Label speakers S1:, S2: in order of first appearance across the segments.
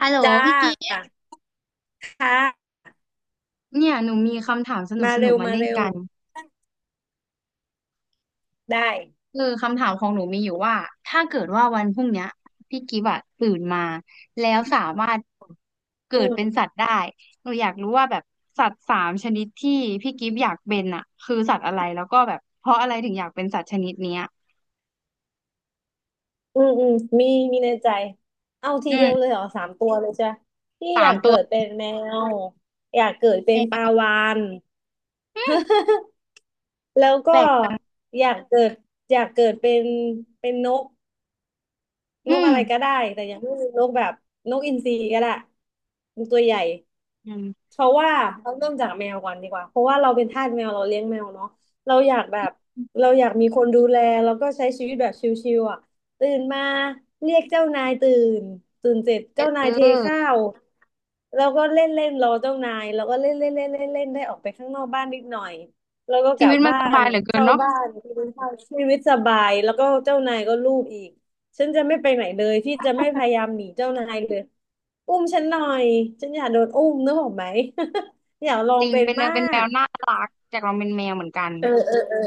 S1: ฮัลโหล
S2: จ้า
S1: พี่กิฟต์
S2: ค่ะ
S1: เนี่ยหนูมีคำถามสนุก
S2: มา
S1: สนุ
S2: เร็
S1: ก
S2: ว
S1: มา
S2: มา
S1: เล่น
S2: เร็ว
S1: กัน
S2: ได้
S1: คือคำถามของหนูมีอยู่ว่าถ้าเกิดว่าวันพรุ่งเนี้ยพี่กิฟต์อะตื่นมาแล้วสามารถ
S2: อื
S1: เกิดเป็น
S2: ม
S1: สัตว์ได้หนูอยากรู้ว่าแบบสัตว์สามชนิดที่พี่กิฟต์อยากเป็นอะคือสัตว์อะไรแล้วก็แบบเพราะอะไรถึงอยากเป็นสัตว์ชนิดเนี้ย
S2: อืมอืมมีในใจเอาที
S1: อื
S2: เดียวเลย
S1: ม
S2: เหรอสามตัวเลยจ้ะพี่อ
S1: สา
S2: ยา
S1: ม
S2: ก
S1: ตั
S2: เกิ
S1: ว
S2: ดเป็นแมวอยากเกิดเป็นปลาวาฬ
S1: อืม
S2: แล้วก็
S1: แปลก
S2: อยากเกิดอยากเกิดเป็นนก
S1: อื
S2: นก
S1: ม
S2: อะไรก็ได้แต่ยังไม่มีนกแบบนกอินทรีก็ได้มันตัวใหญ่
S1: อืม
S2: เพราะว่าเราเริ่มจากแมวก่อนดีกว่า เพราะว่าเราเป็นทาสแมวเราเลี้ยงแมวเนาะเราอยากแบบเราอยากมีคนดูแลแล้วก็ใช้ชีวิตแบบชิลๆอ่ะตื่นมาเรียกเจ้านายตื่นเสร็จเจ้า
S1: เ
S2: นายเทข้า
S1: ออ
S2: วแล้วก็เล่นเล่นรอเจ้านายแล้วก็เล่นเล่นเล่นเล่นเล่นได้ออกไปข้างนอกบ้านนิดหน่อยแล้วก็ก
S1: ชี
S2: ลั
S1: วิ
S2: บ
S1: ตมัน
S2: บ้า
S1: ส
S2: น
S1: บายเหลือเกิน
S2: เข้า
S1: เนาะ
S2: บ้านกินข้าวชีวิตสบายแล้วก็เจ้านายก็ลูบอีก ฉันจะไม่ไปไหนเลยพี่จะไม่พยายามหนีเจ้านายเลย อุ้มฉันหน่อย ฉันอยากโดนอุ้มนึกออกไหม อยากลอ
S1: จ
S2: ง
S1: ริง
S2: เป็น
S1: เป็นแม
S2: มา
S1: วเป็นแม
S2: ก
S1: วน่ารักจากเราเป็นแมวเหมือนกัน
S2: เออเออเออ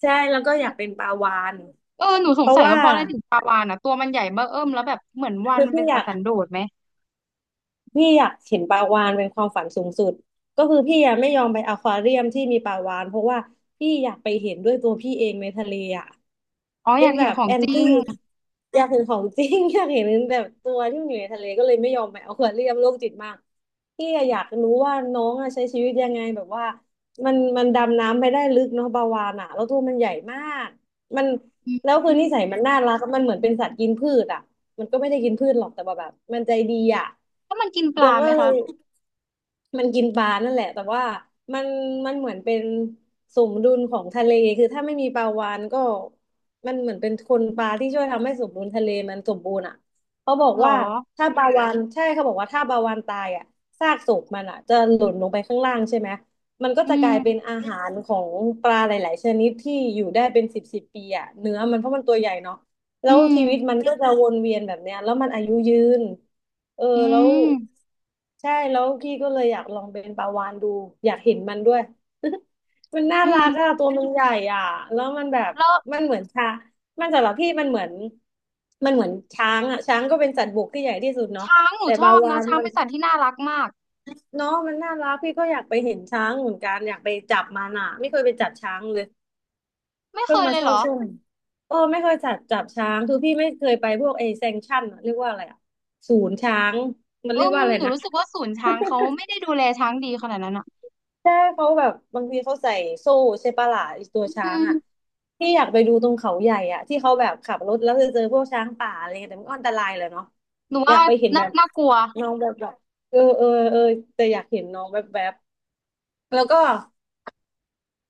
S2: ใช่ แล้วก็อยากเป็นปลาวาฬ
S1: เออหนูส
S2: เพ
S1: ง
S2: ราะ
S1: สัย
S2: ว่า
S1: ว่าเพราะอะไรถึงปลาวาฬอ่ะตัวมันใหญ่เบ้อเอิ่มแล้วแบบเหมือนวาฬ
S2: คือ
S1: มัน
S2: พี่
S1: เป็น
S2: อ
S1: สัต
S2: ยาก
S1: ว์สันโดษไหม
S2: พี่อยากเห็นปลาวาฬเป็นความฝันสูงสุดก็คือพี่ยังไม่ยอมไปอควาเรียมที่มีปลาวาฬเพราะว่าพี่อยากไปเห็นด้วยตัวพี่เองในทะเลอ่ะ
S1: อ๋ออ
S2: เป็
S1: ยา
S2: น
S1: ก
S2: แบ
S1: เห็น
S2: บ
S1: ของ
S2: แอน
S1: จริ
S2: ตี้
S1: ง
S2: อยากเห็นของจริง อยากเห็นแบบตัวที่มันอยู่ในทะเลก็เลยไม่ยอมไปอควาเรียมโรคจิตมากพี่อะอยากรู้ว่าน้องอะใช้ชีวิตยังไงแบบว่ามันดำน้ำไปได้ลึกเนาะปลาวาฬอ่ะแล้วตัวมันใหญ่มากมัน
S1: อื
S2: แล้วคือ
S1: ม
S2: นิสัยมันน่ารักมันเหมือนเป็นสัตว์กินพืชอ่ะ มันก็ไม่ได้กินพืชหรอกแต่ว่าแบบมันใจดีอ่ะ
S1: แล้วมันกินปลา
S2: เราก็
S1: ไหม
S2: เล
S1: คะ
S2: ยมันกินปลานั่นแหละแต่ว่ามันเหมือนเป็นสมดุลของทะเลคือถ้าไม่มีปลาวาฬก็มันเหมือนเป็นคนปลาที่ช่วยทำให้สมดุลทะเลมันสมบูรณ์อ่ะเขาบอก
S1: หรอ
S2: ว่าถ้าปลาวาฬใช่เขาบอกว่าถ้าปลาวาฬตายอ่ะซากศพมันอ่ะจะหล่นลงไปข้างล่างใช่ไหมมันก็
S1: อื
S2: จะก
S1: ม
S2: ลายเป็นอาหารของปลาหลายๆชนิดที่อยู่ได้เป็นสิบสิบปีอ่ะเนื้อมันเพราะมันตัวใหญ่เนาะ แล้
S1: อื
S2: วชีวิตมั
S1: ม
S2: นก็จะวนเวียนแบบเนี้ยแล้วมันอายุยืนเออ
S1: อื
S2: แล้ว
S1: ม
S2: ใช่แล้วพี่ก็เลยอยากลองเป็นปลาวาฬดูอยากเห็นมันด้วย มันน่า
S1: อื
S2: รั
S1: ม
S2: กอะตัวมันใหญ่อะแล้วมันแบบ
S1: แล้ว
S2: มันเหมือนช้างมันสำหรับพี่มันเหมือนเหมือนช้างอะช้างก็เป็นสัตว์บกที่ใหญ่ที่สุดเนาะ
S1: ช้างหนู
S2: แต่
S1: ช
S2: ปลา
S1: อบ
S2: วา
S1: นะ
S2: ฬ
S1: ช้าง
S2: มัน
S1: เป็นสัตว์ที่น่ารักมาก
S2: เนาะมันน่ารักพี่ก็อยากไปเห็นช้างเหมือนกันอยากไปจับมันอะไม่เคยไปจับช้างเลย
S1: ไม่เค
S2: เพิ่ง
S1: ย
S2: มา
S1: เลย
S2: ช
S1: เห
S2: อ
S1: ร
S2: บ
S1: อ
S2: ช่วงเออไม่เคยจับจับช้างคือพี่ไม่เคยไปพวกไอแซงชั่นอะเรียกว่าอะไรอะศูนย์ช้างมัน
S1: เอิ
S2: เรียก
S1: ม
S2: ว่าอะไร
S1: หนู
S2: นะ
S1: รู้สึกว่าศูนย์ช้างเขาไม่ได้ดูแลช้างดีขนาดนั้นอ่ะ
S2: ใช่เขาแบบบางทีเขาใส่โซ่ใช่ปะล่ะไอ้ตัวช้า
S1: อื
S2: งอ่ะ
S1: ม
S2: พี่อยากไปดูตรงเขาใหญ่อ่ะที่เขาแบบขับรถแล้วจะเจอพวกช้างป่าอะไรเงี้ยแต่มันก็อันตรายเลยเนาะ
S1: หนู
S2: อยา
S1: ว่า
S2: กไปเห็น
S1: น่า
S2: แบบ
S1: น่ากลัว
S2: น้องแบบแบบเออเออเออแต่อยากเห็นน้องแบบแบบแล้วก็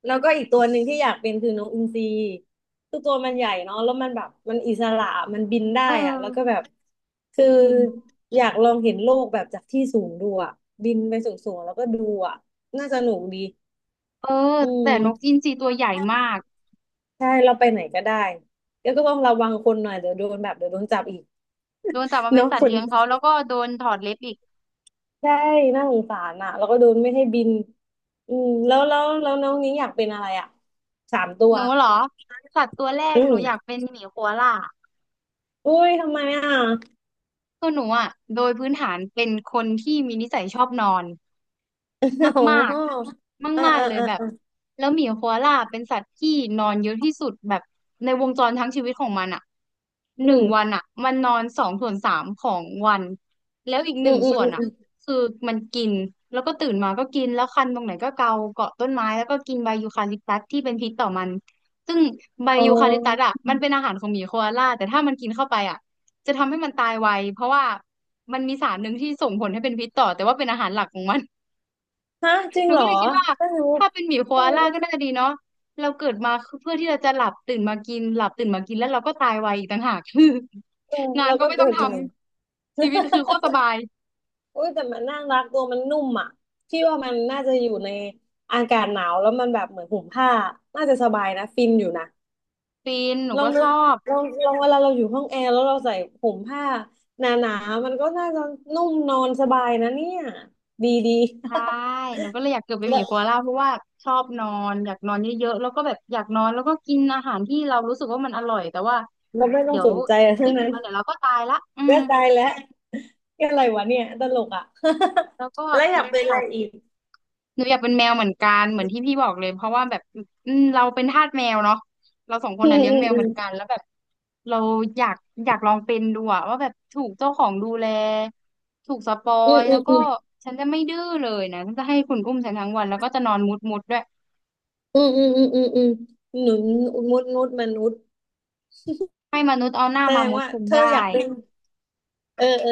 S2: อีกตัวหนึ่งที่อยากเป็นคือนกอินทรีคือตัวมันใหญ่เนาะแล้วมันแบบมันอิสระมันบินได้
S1: เอ
S2: อะแล้วก็
S1: อ
S2: แบบคื
S1: อื
S2: อ
S1: ม
S2: อยากลองเห็นโลกแบบจากที่สูงดูอะบินไปสูงๆแล้วก็ดูอะน่าสนุกดี
S1: เออ
S2: อื
S1: แต่นกอิ
S2: ม
S1: นทรีตัวใหญ่มาก
S2: ใช่เราไปไหนก็ได้ แล้วก็ต้องระวังคนหน่อยเดี๋ยวโดนแบบเดี๋ยวโดนจับอีก
S1: โดนจับมา เป็น
S2: เนาะ
S1: สัต
S2: ค
S1: ว์
S2: น
S1: เลี้ยงเขาแล้วก็โดนถอดเล็บอีก
S2: ใช่น่าสงสารอะแล้วก็โดนไม่ให้บินอืมแล้วน้องนี้งอยากเป็นอะไรอะสามตั
S1: ห
S2: ว
S1: นูเหรอสัตว์ตัวแรก
S2: อื
S1: ห
S2: ม
S1: นูอยากเป็นหมีโคอาล่า
S2: อุ้ยทำไมอ่ะ
S1: คือหนูอ่ะโดยพื้นฐานเป็นคนที่มีนิสัยชอบนอน มาก
S2: โอ้อ่า
S1: ๆมาก
S2: อ่า
S1: ๆเลย
S2: อ่า
S1: แบบ
S2: อ่า
S1: แล้วหมีโคอาล่าเป็นสัตว์ที่นอนเยอะที่สุดแบบในวงจรทั้งชีวิตของมันอ่ะ
S2: อื
S1: หนึ่งวั
S2: ม
S1: นอ่ะมันนอนสองส่วนสามของวัน แล้วอีกห
S2: อื
S1: นึ่
S2: ม
S1: ง
S2: อืม
S1: ส่ว
S2: อื
S1: น
S2: ม
S1: อ่ะ
S2: อม
S1: คือมันกิน แล้วก็ตื่นมาก็กิน แล้วคันตรงไหนก็เกาเกาะต้นไม้แล้วก็กินใบยูคาลิปตัสที่เป็นพิษต่อมัน ซึ่งใบ
S2: อ๋
S1: ยูคาลิปตัส
S2: อ
S1: อ่ะมันเป็นอาหารของหมีโคอาล่าแต่ถ้ามันกินเข้าไปอ่ะจะทำให้มันตายไวเพราะว่ามันมีสารหนึ่งที่ส่งผลให้เป็นพิษต่อแต่ว่าเป็นอาหารหลักของมัน
S2: ฮะจริ
S1: ห
S2: ง
S1: นู
S2: เหร
S1: ก็
S2: อ
S1: เลยคิดว่า
S2: ต้องรู้
S1: ถ้าเป็นหมีโค
S2: ต้อง
S1: อา
S2: รู้
S1: ล่าก็น่าจะดีเนาะเราเกิดมาเพื่อที่เราจะหลับตื่นมากินหลับตื่นมากินแล้วเราก็ตายไวอีกต่างหาก คือ
S2: เออ
S1: งาน
S2: เรา
S1: ก็
S2: ก็
S1: ไม่
S2: เกิ
S1: ต้อง
S2: ด
S1: ท
S2: ใหม่
S1: ำชีวิต คือโคตรสบาย
S2: อุ้ยแต่มันน่ารักตัวมันนุ่มอ่ะพี่ว่ามันน่าจะอยู่ในอากาศหนาวแล้วมันแบบเหมือนห่มผ้าน่าจะสบายนะฟินอยู่นะ
S1: ฟินหนู
S2: ลอง
S1: ก็
S2: นึ
S1: ช
S2: ก
S1: อบ
S2: ลองเวลาเราอยู่ห้องแอร์แล้วเราใส่ห่มผ้าหนาๆมันก็น่าจะนุ่มนอนสบายนะเนี่ยดีดี
S1: ใช่หนูก็เลยอยากเกิดเป็นหมี
S2: แล้ว
S1: โคอาล่าเพราะว่าชอบนอนอยากนอนเยอะๆแล้วก็แบบอยากนอนแล้วก็กินอาหารที่เรารู้สึกว่ามันอร่อยแต่ว่า
S2: เราไม่ต้อ
S1: เดี๋
S2: ง
S1: ยว
S2: สนใจ
S1: อี
S2: อะ
S1: ก
S2: ไรทั้
S1: ไม่
S2: ง
S1: กี่
S2: นั้น
S1: วันเดี๋ยวเราก็ตายละอื
S2: ก็
S1: ม
S2: ตายแล้วแค่อะไรวะเนี่ยตลกอ่ะ
S1: แล้วก็
S2: แล้วอยา
S1: อี
S2: ก
S1: ก
S2: เป็นอะ
S1: สั
S2: ไรอีก
S1: หนูอยากเป็นแมวเหมือนกันเหมือนที่พี่บอกเลยเพราะว่าแบบอืมเราเป็นทาสแมวเนาะเราสองคน
S2: อื
S1: น่ะ
S2: ม
S1: เลี้ยง
S2: อืม
S1: แมว
S2: อื
S1: เหมือนกันแล้วแบบเราอยากอยากลองเป็นดูอะว่าแบบถูกเจ้าของดูแลถูกสปอ
S2: มอื
S1: ย
S2: ม
S1: แล้ว
S2: อ
S1: ก็ฉันจะไม่ดื้อเลยนะฉันจะให้คุณอุ้มฉันทั้งวันแล้วก็จะนอนมุดมุดด้วย
S2: ืมอืมอืมอืมอืมอืมหนุนมดมดมนุษย์
S1: ให้มนุษย์เอาหน้า
S2: แสด
S1: มา
S2: ง
S1: มุด
S2: ว่า
S1: คุม
S2: เธอ
S1: ได้
S2: อยากเป็นเออเออ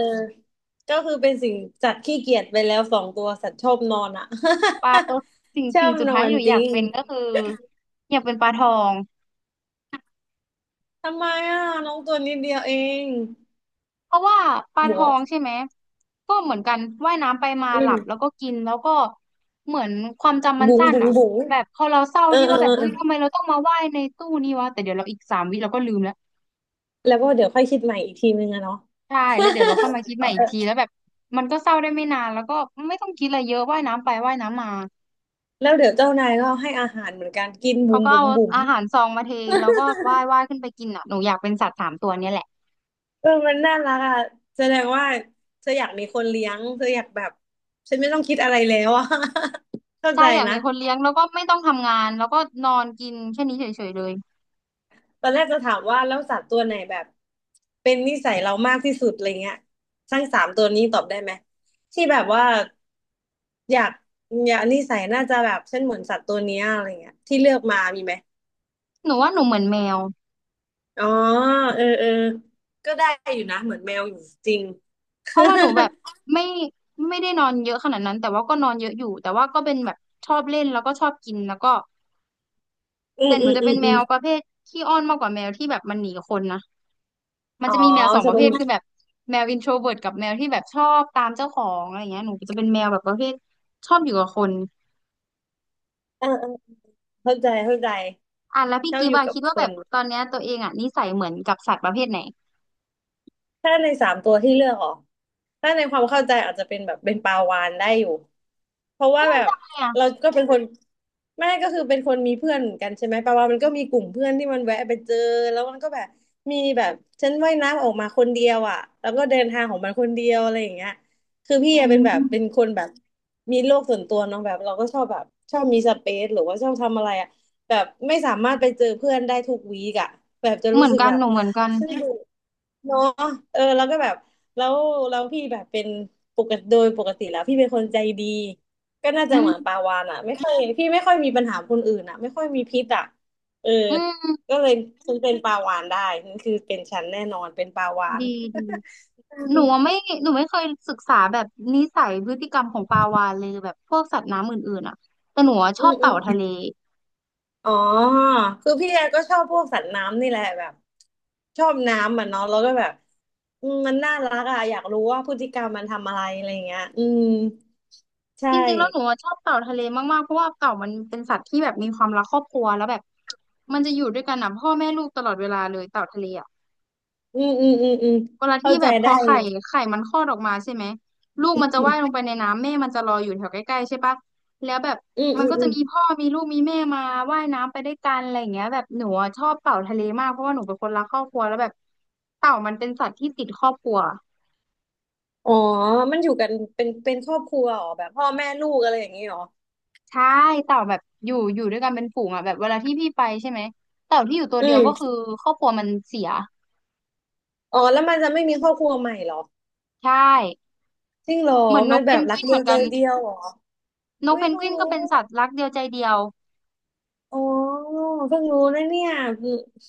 S2: ก็คือเป็นสิ่งสัตว์ขี้เกียจไปแล้วสองตัวสัตว์ชอบนอนอ่ะ
S1: ปลาตัวสิ่ง
S2: ชอ
S1: สิ่ง
S2: บ
S1: สุด
S2: น
S1: ท้า
S2: อ
S1: ย
S2: น
S1: ที่หนู
S2: จ
S1: อยา
S2: ริ
S1: ก
S2: ง
S1: เป็นก็คืออยากเป็นปลาทอง
S2: ทำไมอ่ะน้องตัวนิดเดียวเอง
S1: เพราะว่าปลา
S2: บั
S1: ท
S2: ว
S1: องใช่ไหมก็เหมือนกันว่ายน้ำไปมาหลับแล้วก็กินแล้วก็เหมือนความจำมัน
S2: บุ๋ง
S1: สั้น
S2: บุ๋ง
S1: อ่ะ
S2: บุ๋ง
S1: แบบพอเราเศร้า
S2: เออ
S1: ที่
S2: เออ
S1: ว่าแบบเฮ้
S2: เออ
S1: ยทำไมเราต้องมาว่ายในตู้นี้วะแต่เดี๋ยวเราอีกสามวิเราก็ลืมแล้ว
S2: แล้วก็เดี๋ยวค่อยคิดใหม่อีกทีนึงอะเนาะ
S1: ใช่แล้วเดี๋ยวเราค่อยมาคิดใหม่อีกทีแล้วแบบมันก็เศร้าได้ไม่นานแล้วก็ไม่ต้องคิดอะไรเยอะว่ายน้ำไปว่ายน้ำมา
S2: แล้วเดี๋ยวเจ้านายก็ให้อาหารเหมือนกันกิน
S1: เขา
S2: บุ๋ม
S1: ก็
S2: บุ๋
S1: เอา
S2: มบุ๋ม
S1: อาหารซองมาเทแล้วก็ว่ายว่ายขึ้นไปกินอ่ะหนูอยากเป็นสัตว์สามตัวเนี้ยแหละ
S2: เออมันน่ารักอ่ะแสดงว่าเธออยากมีคนเลี้ยงเธออยากแบบฉันไม่ต้องคิดอะไรแล้วอ่ะ เข้า
S1: ใช่
S2: ใจ
S1: อยาก
S2: นะ
S1: มีคนเลี้ยงแล้วก็ไม่ต้องทำงานแล้วก็นอนกินแค่นี้เฉยๆเลย
S2: ตอนแรกจะถามว่าแล้วสัตว์ตัวไหนแบบเป็นนิสัยเรามากที่สุดอะไรเงี้ยทั้งสามตัวนี้ตอบได้ไหมที่แบบว่าอยากอยากนิสัยน่าจะแบบฉันเหมือนสัตว์ตัวเนี้ยอะไรเงี้ยที่เลือกมามีไหม
S1: หนูว่าหนูเหมือนแมว
S2: อ๋อเออเออก็ได้อยู่นะเหมือนแมวอยู่จริง
S1: เพราะว่าหนูแบบไม่ไม่ได้นอนเยอะขนาดนั้นแต่ว่าก็นอนเยอะอยู่แต่ว่าก็เป็นแบบชอบเล่นแล้วก็ชอบกินแล้วก็
S2: อื
S1: แต่
S2: ม
S1: หนู
S2: อืม
S1: จะ
S2: อื
S1: เป็น
S2: ม
S1: แม
S2: อืม
S1: วประเภทขี้อ้อนมากกว่าแมวที่แบบมันหนีคนนะมัน
S2: อ๋อ
S1: จะมีแมวสองป
S2: จะ
S1: ระ
S2: เป็
S1: เภ
S2: น
S1: ทคือแบบแมวอินโทรเวิร์ตกับแมวที่แบบชอบตามเจ้าของอะไรเงี้ยหนูจะเป็นแมวแบบประเภทชอบอยู่กับคน
S2: เออเออเข้าใจเข้าใจ
S1: อ่ะแล้วพี่
S2: เจ้า
S1: กิฟ
S2: อ
S1: ต์
S2: ยู่
S1: อะ
S2: กับ
S1: คิด
S2: ค
S1: ว่าแบ
S2: น
S1: บตอนเนี้ยตัวเองอะนิสัยเหมือนกับสัตว์ประเภทไหน
S2: ถ้าในสามตัวที่เลือกออกถ้าในความเข้าใจอาจจะเป็นแบบเป็นปลาวาฬได้อยู่เพราะว่าแบบ
S1: ใช่
S2: เรา
S1: อะ
S2: ก็เป็นคนแม่ก็คือเป็นคนมีเพื่อนเหมือนกันใช่ไหมปลาวาฬมันก็มีกลุ่มเพื่อนที่มันแวะไปเจอแล้วมันก็แบบมีแบบฉันว่ายน้ำออกมาคนเดียวอ่ะแล้วก็เดินทางของมันคนเดียวอะไรอย่างเงี้ยคือพี่
S1: อื
S2: อะเป็นแบบเป็น
S1: ม
S2: คนแบบมีโลกส่วนตัวเนาะแบบเราก็ชอบแบบชอบมีสเปซหรือว่าชอบทำอะไรอ่ะแบบไม่สามารถไปเจอเพื่อนได้ทุกวีกอะแบบจะ
S1: เห
S2: รู้
S1: มือน
S2: สึก
S1: กัน
S2: แบบ
S1: หนูเหมือนกัน
S2: ซึ่งเนาะเออแล้วก็แบบแล้วแล้วพี่แบบเป็นปกติโดยปกติแล้วพี่เป็นคนใจดีก็น่า
S1: อื
S2: จะเห
S1: ม
S2: มือนปาวานอ่ะไม่ค่อยพี่ไม่ค่อยมีปัญหาคนอื่นอ่ะไม่ค่อยมีพิษอ่ะเออ
S1: อืม
S2: ก็เลยฉันเป็นปาวานได้นั่นคือเป็นฉันแน่นอนเป็นปาวาน
S1: ดีดี
S2: อื
S1: หนูอะ
S2: ม
S1: ไม่หนูไม่เคยศึกษาแบบนิสัยพฤติกรรมของปลาวาฬเลยแบบพวกสัตว์น้ำอื่นๆอ่ะแต่หนูอะช
S2: อื
S1: อบเต่าทะ
S2: ม
S1: เล
S2: อ๋อคือพี่แอก็ชอบพวกสัตว์น้ำนี่แหละแบบชอบน้ำอ่ะเนาะแล้วก็แบบอืมมันน่ารักอ่ะอยากรู้ว่าพฤติกรรมมันทำอะไรอะไรเงี้ยอืมใช่
S1: จริงๆแล้วหนูอะชอบเต่าทะเลมากๆเพราะว่าเต่ามันเป็นสัตว์ที่แบบมีความรักครอบครัวแล้วแบบมันจะอยู่ด้วยกันนะพ่อแม่ลูกตลอดเวลาเลยเต่าทะเลอ่ะ
S2: อืมอืมอืมอืม
S1: เวลาที่
S2: เข้าใจ
S1: แบบพ
S2: ได้
S1: อ
S2: อ
S1: ไข่
S2: ยู่
S1: ไข่มันคลอดออกมาใช่ไหมลูกมันจะว่ายลงไปในน้ำแม่มันจะรออยู่แถวใกล้ๆใช่ปะแล้วแบบ
S2: อืม
S1: มัน
S2: อืม
S1: ก็
S2: อื
S1: จะ
S2: ม
S1: มีพ่อมีลูกมีแม่มาว่ายน้ำไปด้วยกันอะไรอย่างเงี้ยแบบหนูอะชอบเต่าทะเลมากเพราะว่าหนูเป็นคนรักครอบครัวแล้วแบบเต่ามันเป็นสัตว์ที่ติดครอบครัว
S2: อ๋อมันอยู่กันเป็นครอบครัวเหรอแบบพ่อแม่ลูกอะไรอย่างนี้เหรอ
S1: ใช่เต่าแบบอยู่อยู่ด้วยกันเป็นฝูงอ่ะแบบเวลาที่พี่ไปใช่ไหมเต่าที่อยู่ตัว
S2: อื
S1: เดียว
S2: ม
S1: ก็คือครอบครัวมันเสีย
S2: อ๋อแล้วมันจะไม่มีครอบครัวใหม่เหรอ
S1: ใช่
S2: จริงเหรอ
S1: เหมือนน
S2: มัน
S1: กเพ
S2: แบ
S1: น
S2: บ
S1: ก
S2: รัก
S1: วินเห
S2: เดีย
S1: มือ
S2: ว
S1: น
S2: ใจ
S1: กัน
S2: เดียวเหรอ
S1: นก
S2: อุ้
S1: เพ
S2: ย
S1: นก
S2: เพิ่ง
S1: วิน
S2: รู้
S1: ก็เป็นสัตว์รักเดียวใจเดียว
S2: อ๋อเพิ่งรู้นะเนี่ย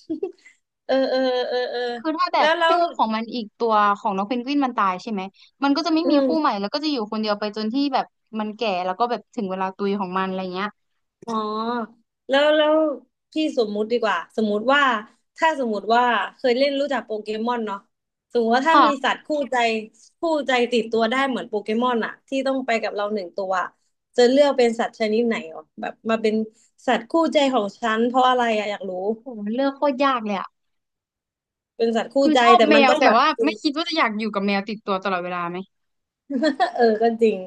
S2: เออเออเออเออ
S1: คือถ้าแบ
S2: แล้
S1: บ
S2: วแล้ว
S1: คู่ของมันอีกตัวของน้องเพนกวินมันตายใช่ไหมมันก็จะไม่
S2: อื
S1: มีคู่ใหม่
S2: ม
S1: แล้วก็จะอยู่คนเดียวไปจนที่แบบมันแก่แล้วก็แบบถึงเวลาตุยของมันอะไรเงี้ย
S2: อ๋อแล้วพี่สมมุติดีกว่าสมมุติว่าถ้าสมมุติว่าเคยเล่นรู้จักโปเกมอนเนาะสมมติว่าถ้ามีสั
S1: ค่ะ
S2: ตว์คู่ใจคู่ใจติดตัวได้เหมือนโปเกมอนอะที่ต้องไปกับเราหนึ่งตัวอะจะเลือกเป็นสัตว์ชนิดไหนอ๋อแบบมาเป็นสัตว์คู่ใจของฉันเพราะอะไรอะอยากรู้
S1: โหมันเลือกโคตรยากเลยอะ
S2: เป็นสัตว์คู่
S1: คือ
S2: ใจ
S1: ชอบ
S2: แต่
S1: แม
S2: มัน
S1: ว
S2: ต้อง
S1: แต่
S2: แบบ
S1: ว่าไม่คิดว่าจะอยากอยู่กับแมวติดตัวตลอดเวลาไหม
S2: เออก็จริง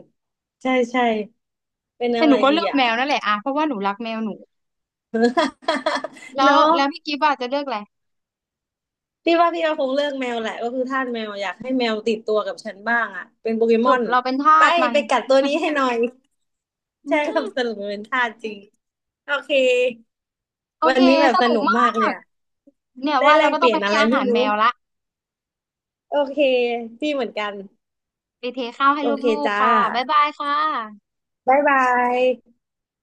S2: ใช่ใช่เป็น
S1: แต่
S2: อะ
S1: ห
S2: ไร
S1: นูก็
S2: ดี
S1: เลือก
S2: อะ
S1: แมวนั่นแหละอะเพราะว่าหนูรักแมวหนู แล้ว
S2: เนาะ
S1: แล้วพี่กิฟต์อะจะเลือกอะไร
S2: พี่ว่าพี่เอาคงเลือกแมวแหละก็คือทาสแมวอยากให้แมวติดตัวกับฉันบ้างอ่ะเป็นโปเกม
S1: จ
S2: อ
S1: บ
S2: น
S1: เราเป็นทา
S2: ไป
S1: สมัน
S2: ไปกัดตัวนี้ให้หน่อยใช่ครับ สรุปมันเป็นทาสจริงโอเค
S1: โอ
S2: วั
S1: เค
S2: นนี้แบบ
S1: ส
S2: ส
S1: นุก
S2: นุกมา
S1: มา
S2: กเลย
S1: ก
S2: อะ
S1: เนี่ย
S2: ได้
S1: ว่า
S2: แล
S1: เรา
S2: ก
S1: ก็
S2: เป
S1: ต้อง
S2: ลี่ย
S1: ไป
S2: นอะ
S1: ให้
S2: ไร
S1: อา
S2: ไม่
S1: หาร
S2: รู้
S1: แมวละ
S2: โอเคพี่เหมือนกัน
S1: ไปเทข้าวให้
S2: โอเค
S1: ลูก
S2: จ้า
S1: ๆค่ะบ๊ายบายค่ะ
S2: บ๊ายบาย